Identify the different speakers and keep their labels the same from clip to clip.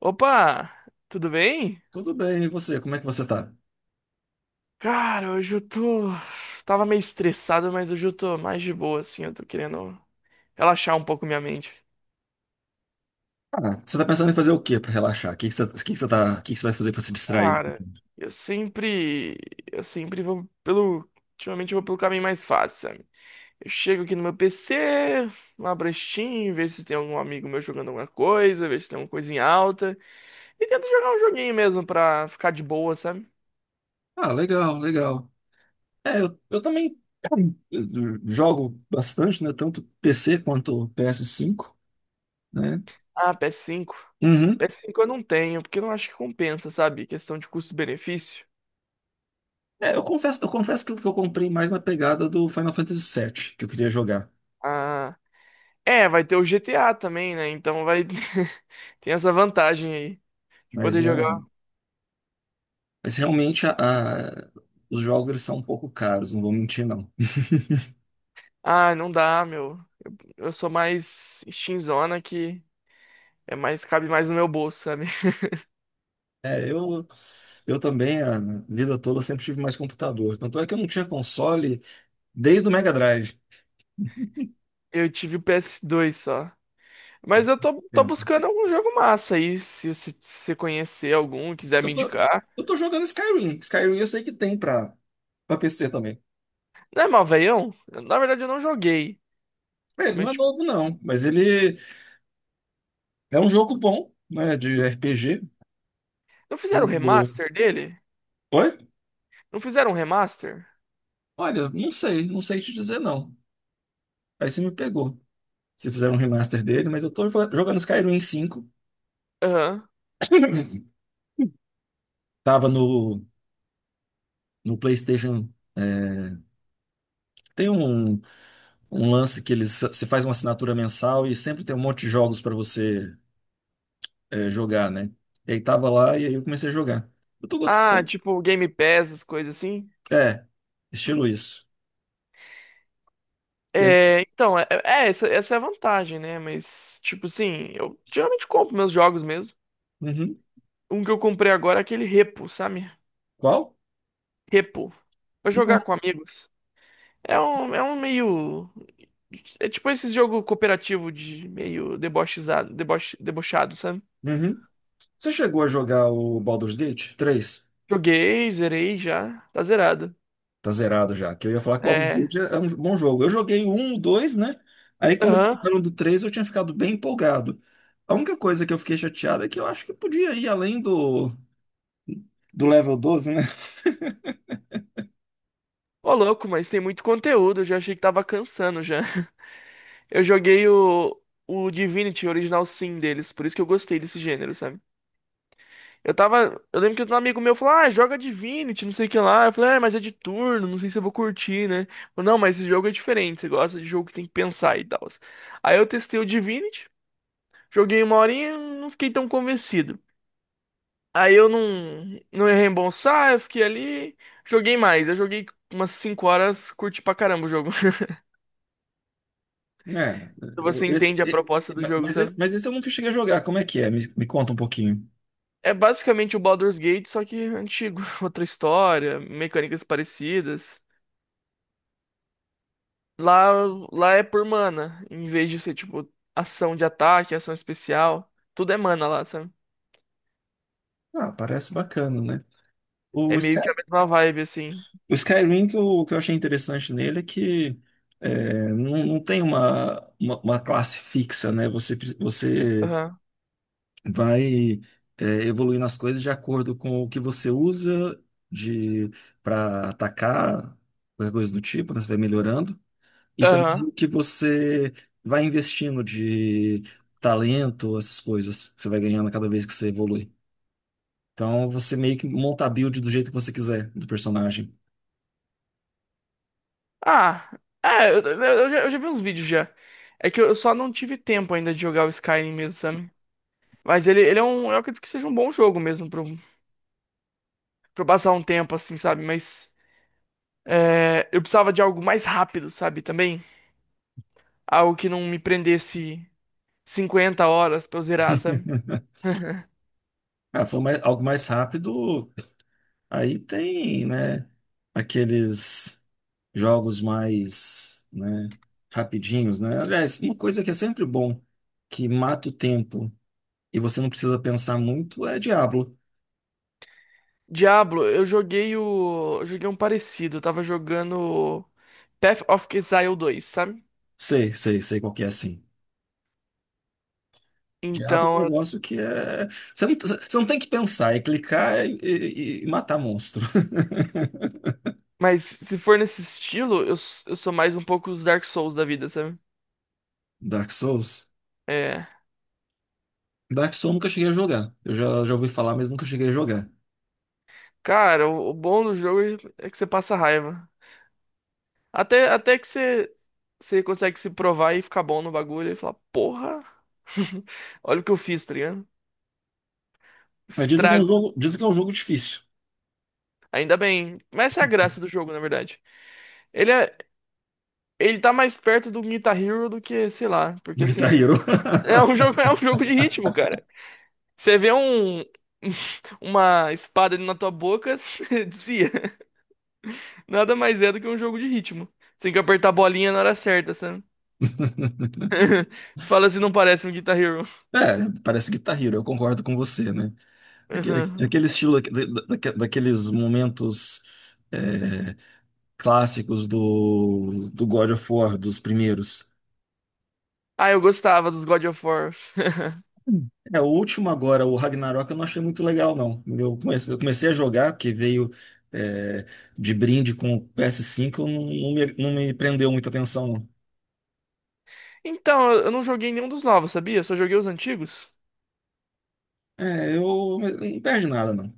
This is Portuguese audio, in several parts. Speaker 1: Opa, tudo bem?
Speaker 2: Tudo bem, e você? Como é que você tá?
Speaker 1: Cara, hoje eu tô. Tava meio estressado, mas hoje eu tô mais de boa, assim. Eu tô querendo relaxar um pouco minha mente.
Speaker 2: Ah, você tá pensando em fazer o quê pra relaxar? O que que você, o que que você tá, O que que você vai fazer pra se distrair?
Speaker 1: Cara, eu sempre. Eu sempre vou pelo. ultimamente eu vou pelo caminho mais fácil, sabe? Eu chego aqui no meu PC, abro a Steam, ver se tem algum amigo meu jogando alguma coisa, ver se tem alguma coisa em alta. E tento jogar um joguinho mesmo pra ficar de boa, sabe?
Speaker 2: Ah, legal, legal. É, eu também, eu jogo bastante, né? Tanto PC quanto PS5, né?
Speaker 1: Ah, PS5. Ps cinco P
Speaker 2: Uhum.
Speaker 1: S cinco eu não tenho, porque eu não acho que compensa, sabe? Questão de custo-benefício.
Speaker 2: É, eu confesso que eu comprei mais na pegada do Final Fantasy VII, que eu queria jogar.
Speaker 1: Ah, é, vai ter o GTA também, né? Então vai tem essa vantagem aí de
Speaker 2: Mas,
Speaker 1: poder
Speaker 2: ah,
Speaker 1: jogar.
Speaker 2: mas realmente os jogos, eles são um pouco caros, não vou mentir, não.
Speaker 1: Ah, não dá, meu. Eu sou mais shinzona que é mais cabe mais no meu bolso, sabe?
Speaker 2: É, eu também, a vida toda, sempre tive mais computador. Tanto é que eu não tinha console, desde o Mega Drive.
Speaker 1: Eu tive o PS2 só. Mas eu tô, tô
Speaker 2: Tempo.
Speaker 1: buscando algum jogo massa aí, se você conhecer algum, quiser
Speaker 2: Eu
Speaker 1: me
Speaker 2: tô,
Speaker 1: indicar.
Speaker 2: eu tô jogando Skyrim. Skyrim eu sei que tem pra PC também.
Speaker 1: Não é mal, velhão? Na verdade eu não joguei,
Speaker 2: É, ele não
Speaker 1: mas
Speaker 2: é
Speaker 1: tipo,
Speaker 2: novo, não, mas ele é um jogo bom, né? De RPG.
Speaker 1: não fizeram
Speaker 2: O-
Speaker 1: um
Speaker 2: o-
Speaker 1: remaster dele?
Speaker 2: Oi?
Speaker 1: Não fizeram um remaster?
Speaker 2: Olha, não sei, não sei te dizer, não. Aí você me pegou. Se fizeram um remaster dele, mas eu tô jogando Skyrim 5.
Speaker 1: Aham.
Speaker 2: Tava no PlayStation. É, tem um lance que eles, você faz uma assinatura mensal e sempre tem um monte de jogos pra você jogar, né? E aí tava lá e aí eu comecei a jogar. Eu tô
Speaker 1: Ah,
Speaker 2: gostando.
Speaker 1: tipo Game Pass, as coisas assim.
Speaker 2: É, estilo isso. E aí,
Speaker 1: É, então, essa é a vantagem, né? Mas, tipo assim, eu geralmente compro meus jogos mesmo.
Speaker 2: uhum.
Speaker 1: Um que eu comprei agora é aquele Repo, sabe?
Speaker 2: Qual?
Speaker 1: Repo. Pra jogar
Speaker 2: Não.
Speaker 1: com amigos. É um meio. É tipo esse jogo cooperativo de meio debochado, sabe?
Speaker 2: Uhum. Você chegou a jogar o Baldur's Gate 3?
Speaker 1: Joguei, zerei já. Tá zerado.
Speaker 2: Tá zerado já, que eu ia falar que o Baldur's
Speaker 1: É.
Speaker 2: Gate é um bom jogo. Eu joguei o 1, o 2, né? Aí quando eles
Speaker 1: Aham.
Speaker 2: fizeram do 3 eu tinha ficado bem empolgado. A única coisa que eu fiquei chateado é que eu acho que podia ir além do level 12, né?
Speaker 1: Ô, louco, mas tem muito conteúdo. Eu já achei que tava cansando já. Eu joguei o Divinity Original Sin deles, por isso que eu gostei desse gênero, sabe? Eu tava. Eu lembro que um amigo meu falou: Ah, joga Divinity, não sei o que lá. Eu falei: Ah, mas é de turno, não sei se eu vou curtir, né? Falei, não, mas esse jogo é diferente, você gosta de jogo que tem que pensar e tal. Aí eu testei o Divinity, joguei uma horinha, não fiquei tão convencido. Aí eu não ia reembolsar, eu fiquei ali, joguei mais. Eu joguei umas 5 horas, curti pra caramba o jogo.
Speaker 2: É, eu-
Speaker 1: Você
Speaker 2: esse,
Speaker 1: entende a
Speaker 2: e-
Speaker 1: proposta do
Speaker 2: ma-
Speaker 1: jogo, sabe?
Speaker 2: mas esse eu nunca cheguei a jogar. Como é que é? Me conta um pouquinho.
Speaker 1: É basicamente o Baldur's Gate, só que antigo, outra história, mecânicas parecidas. Lá, lá é por mana, em vez de ser tipo ação de ataque, ação especial, tudo é mana lá, sabe?
Speaker 2: Ah, parece bacana, né? O,
Speaker 1: É
Speaker 2: Sky,
Speaker 1: meio que a mesma vibe assim.
Speaker 2: o Skyrim, que eu achei interessante nele é que, é, não, não tem uma classe fixa, né? Você
Speaker 1: Aham.
Speaker 2: vai, evoluindo as coisas de acordo com o que você usa de para atacar, qualquer coisa do tipo, né? Você vai melhorando. E também
Speaker 1: Aham.
Speaker 2: o que você vai investindo de talento, essas coisas que você vai ganhando cada vez que você evolui. Então você meio que monta a build do jeito que você quiser do personagem.
Speaker 1: Ah, é, eu já vi uns vídeos já. É que eu só não tive tempo ainda de jogar o Skyrim mesmo, sabe? Mas ele é um. Eu acredito que seja um bom jogo mesmo pra eu passar um tempo assim, sabe? Mas é, eu precisava de algo mais rápido, sabe? Também. Algo que não me prendesse 50 horas pra eu zerar, sabe?
Speaker 2: Ah, algo mais rápido. Aí tem, né, aqueles jogos mais, né, rapidinhos, né? Aliás, uma coisa que é sempre bom, que mata o tempo e você não precisa pensar muito, é Diablo.
Speaker 1: Diablo, eu joguei o. eu Joguei um parecido. Eu tava jogando Path of Exile dois, sabe?
Speaker 2: Sei, sei, sei qual que é assim. Diablo
Speaker 1: Então.
Speaker 2: é um
Speaker 1: eu-
Speaker 2: negócio que é. Você não tem que pensar, é clicar e matar monstro.
Speaker 1: Mas se for nesse estilo, eu sou mais um pouco os Dark Souls da vida, sabe?
Speaker 2: Dark Souls?
Speaker 1: É.
Speaker 2: Dark Souls eu nunca cheguei a jogar. Eu já ouvi falar, mas nunca cheguei a jogar.
Speaker 1: Cara, o bom do jogo é que você passa raiva. Até que você, consegue se provar e ficar bom no bagulho e falar, porra, olha o que eu fiz, tá ligado?
Speaker 2: Mas
Speaker 1: Estrago.
Speaker 2: dizem que é um jogo difícil.
Speaker 1: Ainda bem. Mas essa é a graça do jogo, na verdade. Ele é, Ele tá mais perto do Guitar Hero do que, sei lá,
Speaker 2: Do
Speaker 1: porque assim,
Speaker 2: Guitar Hero.
Speaker 1: é um jogo de ritmo, cara. Você vê um uma espada indo na tua boca, você desvia. Nada mais é do que um jogo de ritmo. Você tem que apertar a bolinha na hora certa, sabe? Fala se não parece um Guitar Hero.
Speaker 2: É, parece Guitar Hero, eu concordo com você, né? Aquele,
Speaker 1: Aham.
Speaker 2: aquele estilo, daqueles momentos, é, clássicos do God of War, dos primeiros.
Speaker 1: Ah, eu gostava dos God of War.
Speaker 2: É, o último agora, o Ragnarok, eu não achei muito legal, não. Eu comecei a jogar, porque veio, é, de brinde com o PS5, eu não me prendeu muita atenção, não.
Speaker 1: Então, eu não joguei nenhum dos novos, sabia? Eu só joguei os antigos.
Speaker 2: É, eu não perde nada, não.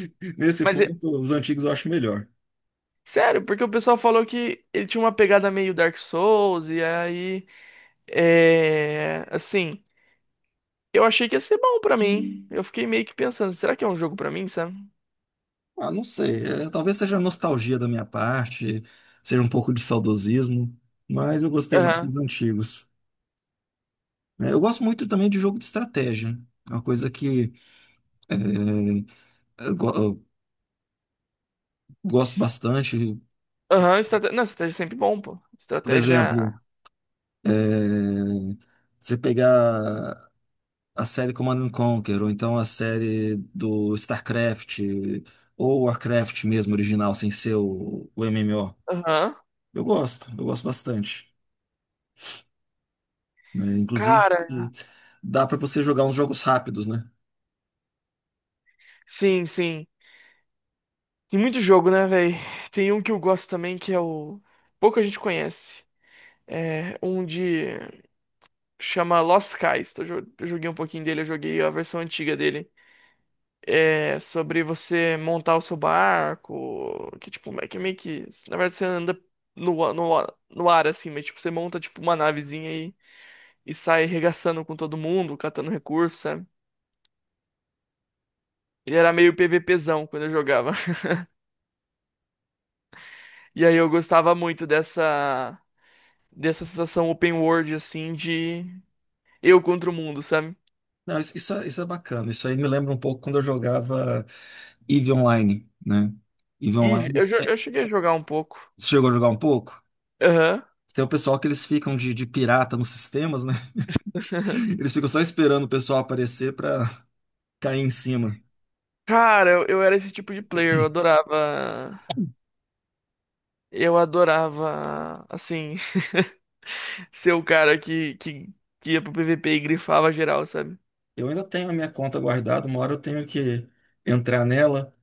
Speaker 2: Nesse
Speaker 1: Mas,
Speaker 2: ponto, os antigos eu acho melhor.
Speaker 1: sério, porque o pessoal falou que ele tinha uma pegada meio Dark Souls, e aí é, assim, eu achei que ia ser bom pra mim. Eu fiquei meio que pensando, será que é um jogo pra mim, sabe?
Speaker 2: Ah, não sei. É, talvez seja nostalgia da minha parte, seja um pouco de saudosismo, mas eu gostei muito
Speaker 1: Aham.
Speaker 2: dos antigos. É, eu gosto muito também de jogo de estratégia. É uma coisa que, eh, eu gosto bastante.
Speaker 1: Aham, estratégia. Não, estratégia é sempre bom, pô.
Speaker 2: Por exemplo,
Speaker 1: Estratégia.
Speaker 2: é, você pegar a série Command and Conquer, ou então a série do StarCraft, ou Warcraft mesmo, original, sem ser o MMO.
Speaker 1: Aham.
Speaker 2: Eu gosto bastante, né? Inclusive,
Speaker 1: Cara,
Speaker 2: dá para você jogar uns jogos rápidos, né?
Speaker 1: sim, sim. Tem muito jogo, né, velho? Tem um que eu gosto também que é o. Pouca gente conhece. É um de. Chama Lost Skies. Eu joguei um pouquinho dele, eu joguei a versão antiga dele. É, sobre você montar o seu barco, que tipo, é que meio que, na verdade você anda no ar assim, mas tipo, você monta tipo uma navezinha e sai regaçando com todo mundo, catando recursos, sabe? Ele era meio PVPzão quando eu jogava. E aí eu gostava muito dessa sensação open world assim de eu contra o mundo, sabe?
Speaker 2: Não, isso é bacana. Isso aí me lembra um pouco quando eu jogava EVE Online, né? EVE
Speaker 1: E
Speaker 2: Online,
Speaker 1: eu cheguei a jogar um pouco.
Speaker 2: você chegou a jogar um pouco?
Speaker 1: Aham.
Speaker 2: Tem o pessoal que eles ficam de pirata nos sistemas, né? Eles ficam só esperando o pessoal aparecer para cair em cima.
Speaker 1: Cara, eu era esse tipo de player, eu adorava. Eu adorava, assim, ser o cara que ia pro PVP e grifava geral, sabe?
Speaker 2: Eu ainda tenho a minha conta guardada, uma hora eu tenho que entrar nela.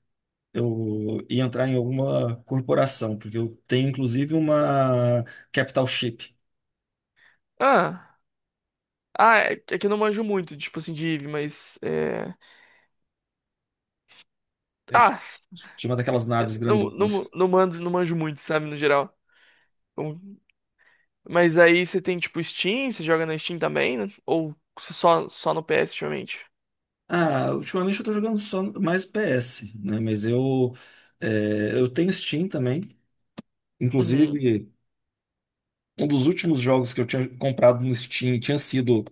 Speaker 2: Eu e entrar em alguma corporação, porque eu tenho inclusive uma Capital Ship,
Speaker 1: Ah, ah, é que eu não manjo muito, tipo assim, de Eve, mas. É...
Speaker 2: é,
Speaker 1: Ah,
Speaker 2: chama daquelas naves
Speaker 1: não, não,
Speaker 2: grandonas.
Speaker 1: não, não manjo muito, sabe, no geral. Então, mas aí você tem, tipo, Steam, você joga na Steam também, né? Ou você só no PS, ultimamente?
Speaker 2: Ah, ultimamente eu tô jogando só mais PS, né? Mas eu tenho Steam também.
Speaker 1: Uhum.
Speaker 2: Inclusive, um dos últimos jogos que eu tinha comprado no Steam tinha sido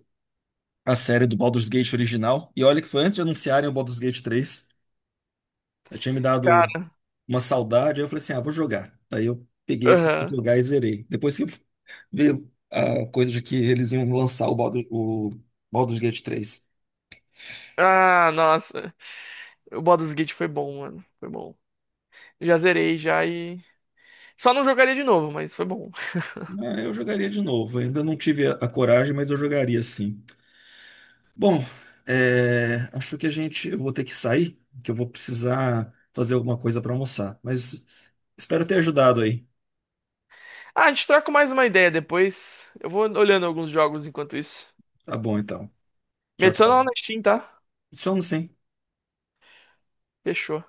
Speaker 2: a série do Baldur's Gate original. E olha que foi antes de anunciarem o Baldur's Gate 3. Eu tinha me dado uma saudade, aí eu falei assim, ah, vou jogar. Aí eu peguei, comecei a
Speaker 1: Aham.
Speaker 2: jogar e zerei. Depois que veio a coisa de que eles iam lançar o Baldur's Gate 3.
Speaker 1: Ah, nossa. O Baldur's Gate foi bom, mano. Foi bom. Já zerei já Só não jogaria de novo, mas foi bom.
Speaker 2: Ah, eu jogaria de novo. Ainda não tive a coragem, mas eu jogaria sim. Bom, acho que eu vou ter que sair, que eu vou precisar fazer alguma coisa para almoçar. Mas espero ter ajudado aí.
Speaker 1: Ah, a gente troca mais uma ideia depois. Eu vou olhando alguns jogos enquanto isso.
Speaker 2: Tá bom, então.
Speaker 1: Me
Speaker 2: Tchau,
Speaker 1: adiciona
Speaker 2: tchau.
Speaker 1: lá na Steam, tá?
Speaker 2: Somos sim.
Speaker 1: Fechou.